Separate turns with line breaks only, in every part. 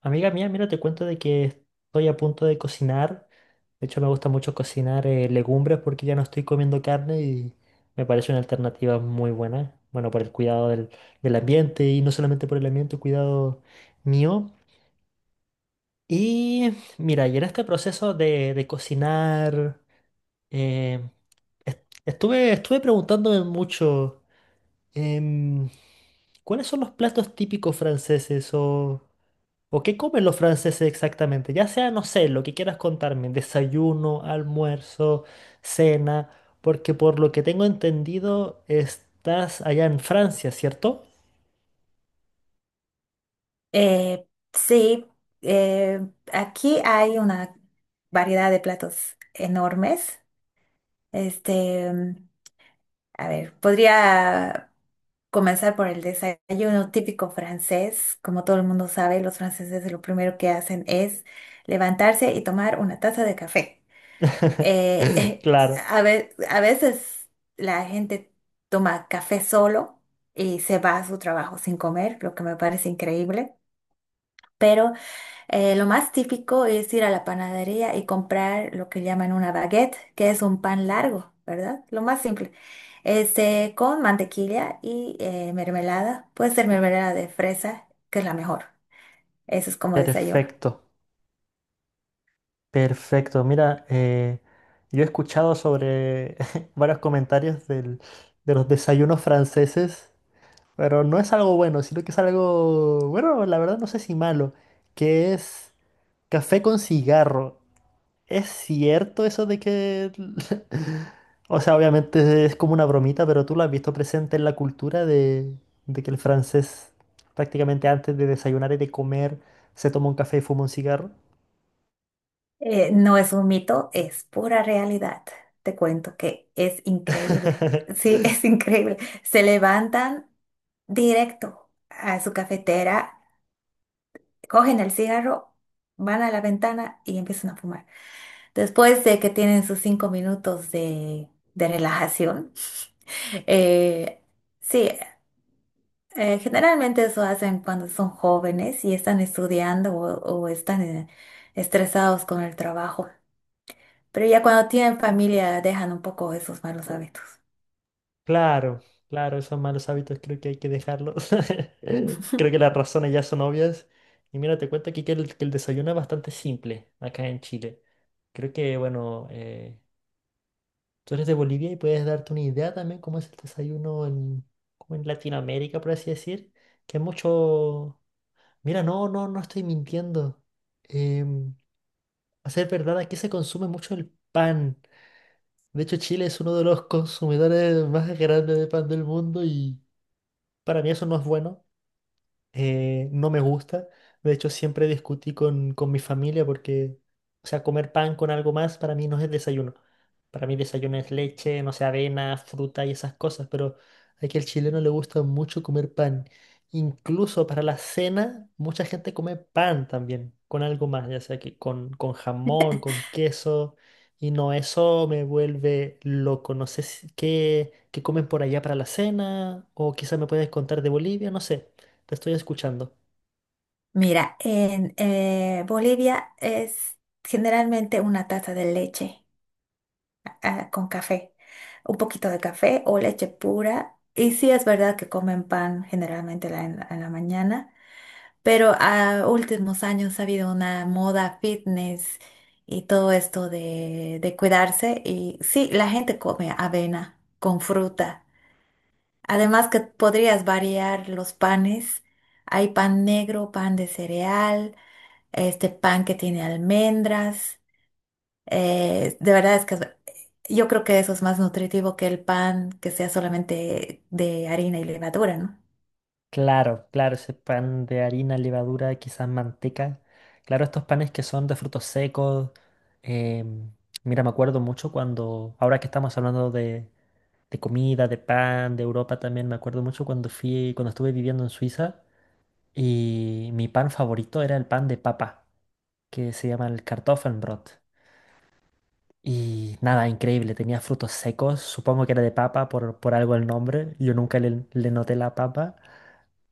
Amiga mía, mira, te cuento de que estoy a punto de cocinar. De hecho, me gusta mucho cocinar legumbres porque ya no estoy comiendo carne y me parece una alternativa muy buena. Bueno, por el cuidado del ambiente y no solamente por el ambiente, el cuidado mío. Y mira, y en este proceso de cocinar, eh, estuve preguntándome mucho. Em, ¿Cuáles son los platos típicos franceses o qué comen los franceses exactamente? Ya sea, no sé, lo que quieras contarme, desayuno, almuerzo, cena, porque por lo que tengo entendido estás allá en Francia, ¿cierto?
Eh, sí, eh, aquí hay una variedad de platos enormes. Este, mm, Podría comenzar por el desayuno típico francés. Como todo el mundo sabe, los franceses lo primero que hacen es levantarse y tomar una taza de café. Eh,
Claro.
a veces la gente toma café solo y se va a su trabajo sin comer, lo que me parece increíble. Pero lo más típico es ir a la panadería y comprar lo que llaman una baguette, que es un pan largo, ¿verdad? Lo más simple. Este, con mantequilla y mermelada. Puede ser mermelada de fresa, que es la mejor. Eso es como desayuno.
Perfecto, perfecto. Mira, yo he escuchado sobre varios comentarios de los desayunos franceses. Pero no es algo bueno, sino que es algo, bueno, la verdad no sé si malo, que es café con cigarro. ¿Es cierto eso de que... O sea, obviamente es como una bromita, pero tú lo has visto presente en la cultura de que el francés prácticamente antes de desayunar y de comer se toma un café y fuma un cigarro?
No es un mito, es pura realidad. Te cuento que es increíble. Sí, es increíble. Se levantan directo a su cafetera, cogen el cigarro, van a la ventana y empiezan a fumar. Después de que tienen sus 5 minutos de relajación. Eh, sí, generalmente eso hacen cuando son jóvenes y están estudiando o están estresados con el trabajo. Pero ya cuando tienen familia dejan un poco esos malos hábitos.
Claro, claro, esos malos hábitos creo que hay que dejarlos. Creo que las razones ya son obvias. Y mira, te cuento aquí que que el desayuno es bastante simple acá en Chile. Creo que, bueno, tú eres de Bolivia y puedes darte una idea también cómo es el desayuno como en Latinoamérica, por así decir. Que es mucho... Mira, no, no, no estoy mintiendo. Em, a ser verdad, aquí se consume mucho el pan. De hecho, Chile es uno de los consumidores más grandes de pan del mundo. Y para mí eso no es bueno, no me gusta. De hecho, siempre discutí con mi familia porque, o sea, comer pan con algo más para mí no es desayuno. Para mí desayuno es leche, no sé, avena, fruta y esas cosas, pero aquí al chileno le gusta mucho comer pan. Incluso para la cena, mucha gente come pan también, con algo más, ya sea que con jamón, con queso, y no, eso me vuelve loco. No sé qué, qué comen por allá para la cena, o quizás me puedes contar de Bolivia, no sé. Te estoy escuchando.
Mira, en Bolivia es generalmente una taza de leche ah, con café, un poquito de café o leche pura. Y sí es verdad que comen pan generalmente en la mañana. Pero a últimos años ha habido una moda fitness y todo esto de cuidarse. Y sí, la gente come avena con fruta. Además que podrías variar los panes. Hay pan negro, pan de cereal, este pan que tiene almendras. De verdad es que yo creo que eso es más nutritivo que el pan que sea solamente de harina y levadura, ¿no?
Claro, claro, ese pan de harina, levadura, quizás manteca. Claro, estos panes que son de frutos secos. em, mira, me acuerdo mucho cuando, ahora que estamos hablando de comida, de pan, de Europa también, me acuerdo mucho cuando fui, cuando estuve viviendo en Suiza y mi pan favorito era el pan de papa, que se llama el Kartoffelbrot. Y nada, increíble, tenía frutos secos, supongo que era de papa por algo el nombre, yo nunca le noté la papa.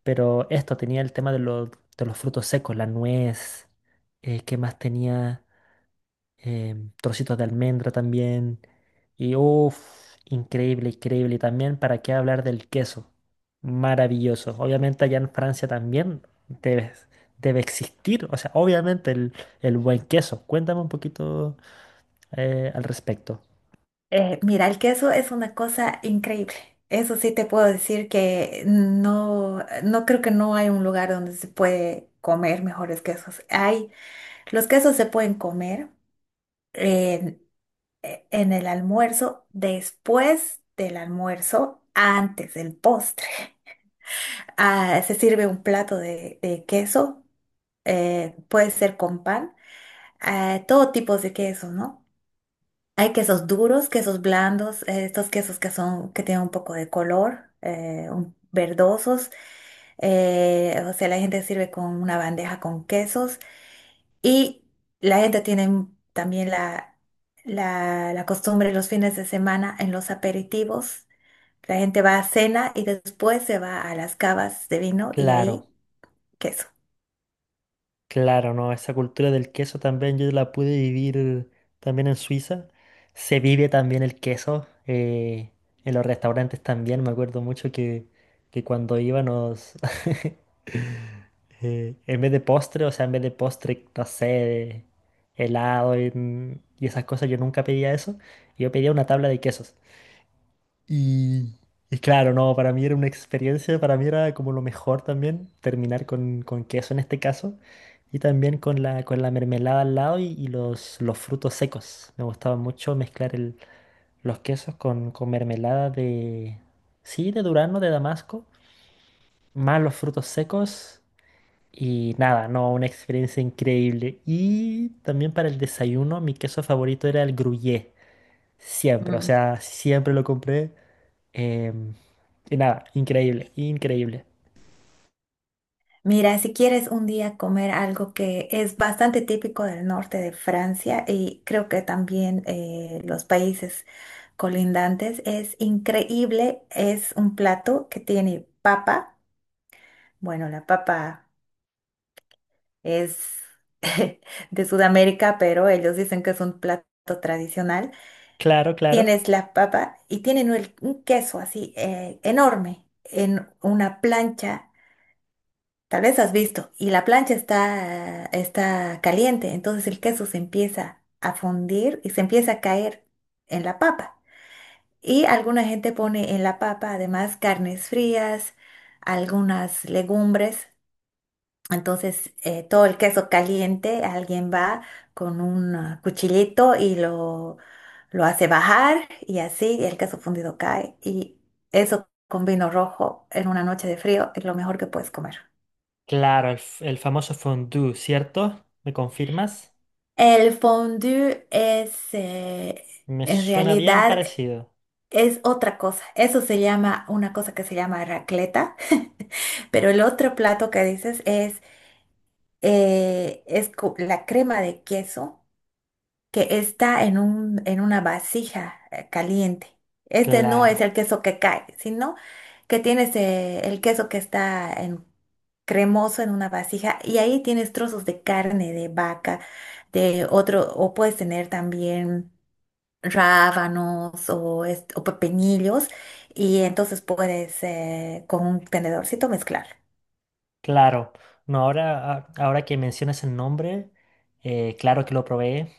Pero esto tenía el tema de los frutos secos, la nuez, ¿qué más tenía? Trocitos de almendra también. Y uff, increíble, increíble. Y también, ¿para qué hablar del queso? Maravilloso. Obviamente allá en Francia también debe, debe existir. O sea, obviamente el buen queso. Cuéntame un poquito al respecto.
Mira, el queso es una cosa increíble. Eso sí te puedo decir que no, no creo que no hay un lugar donde se puede comer mejores quesos. Hay, los quesos se pueden comer en, en el almuerzo, después del almuerzo, antes del postre. Ah, se sirve un plato de queso, puede ser con pan, todo tipo de queso, ¿no? Hay quesos duros, quesos blandos, estos quesos que son, que tienen un poco de color, verdosos. O sea, la gente sirve con una bandeja con quesos. Y la gente tiene también la costumbre los fines de semana en los aperitivos. La gente va a cena y después se va a las cavas de vino y
Claro.
ahí queso.
Claro, no, esa cultura del queso también yo la pude vivir también en Suiza. Se vive también el queso, en los restaurantes también. Me acuerdo mucho que cuando íbamos, en vez de postre, o sea, en vez de postre, no sé, de helado y esas cosas, yo nunca pedía eso. Yo pedía una tabla de quesos. Y, y claro, no, para mí era una experiencia, para mí era como lo mejor también terminar con queso en este caso y también con con la mermelada al lado y los frutos secos. Me gustaba mucho mezclar los quesos con mermelada de, sí, de durazno, de damasco, más los frutos secos y nada, no, una experiencia increíble. Y también para el desayuno, mi queso favorito era el gruyère, siempre, o sea, siempre lo compré. Em, y nada, increíble, increíble.
Mira, si quieres un día comer algo que es bastante típico del norte de Francia y creo que también los países colindantes, es increíble, es un plato que tiene papa. Bueno, la papa es de Sudamérica, pero ellos dicen que es un plato tradicional.
Claro, claro.
Tienes la papa y tienen un queso así enorme en una plancha. Tal vez has visto, y la plancha está, está caliente, entonces el queso se empieza a fundir y se empieza a caer en la papa. Y alguna gente pone en la papa además carnes frías, algunas legumbres. Entonces todo el queso caliente, alguien va con un ah, cuchillito y lo hace bajar y así el queso fundido cae. Y eso con vino rojo en una noche de frío es lo mejor que puedes comer.
Claro, el, el famoso fondue, ¿cierto? ¿Me confirmas?
El fondue es,
Me
en
suena bien
realidad,
parecido.
es otra cosa. Eso se llama, una cosa que se llama racleta, pero el otro plato que dices es, la crema de queso que está en un, en una vasija caliente. Este no
Claro,
es el queso que cae, sino que tienes, el queso que está en, cremoso en una vasija y ahí tienes trozos de carne de vaca, de otro, o puedes tener también rábanos o pepinillos y entonces puedes con un tenedorcito mezclar.
claro. No, ahora, ahora que mencionas el nombre, claro que lo probé.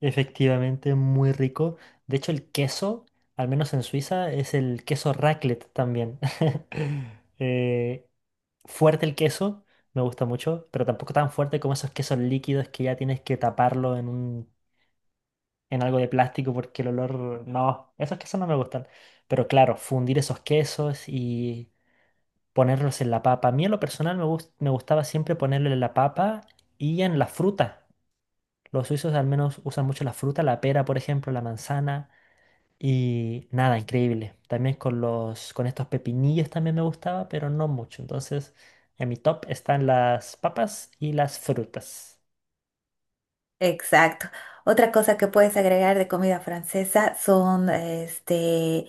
Efectivamente, muy rico. De hecho, el queso, al menos en Suiza, es el queso raclette también. Eh, fuerte el queso, me gusta mucho, pero tampoco tan fuerte como esos quesos líquidos que ya tienes que taparlo en un, en algo de plástico porque el olor, no, esos quesos no me gustan. Pero claro, fundir esos quesos y ponerlos en la papa. A mí en lo personal me gustaba siempre ponerlo en la papa y en la fruta. Los suizos al menos usan mucho la fruta, la pera, por ejemplo, la manzana y nada, increíble. También con con estos pepinillos también me gustaba, pero no mucho. Entonces, en mi top están las papas y las frutas.
Exacto. Otra cosa que puedes agregar de comida francesa son este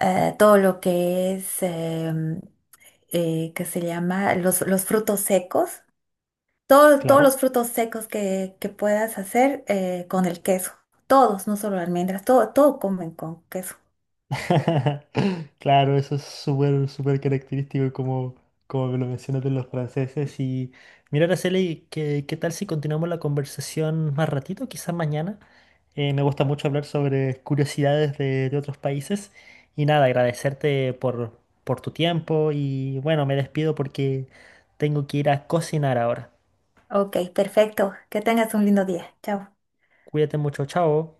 todo lo que es em, que se llama los frutos secos. Todos los
Claro.
frutos secos que puedas hacer con el queso. Todos, no solo almendras, todo, todo comen con queso.
Claro, eso es súper, súper característico como, como me lo mencionas de los franceses. Y mira, Araceli, ¿qué, qué tal si continuamos la conversación más ratito, quizás mañana? Me gusta mucho hablar sobre curiosidades de otros países. Y nada, agradecerte por tu tiempo. Y bueno, me despido porque tengo que ir a cocinar ahora.
Ok, perfecto. Que tengas un lindo día. Chao.
Cuídate mucho, chao.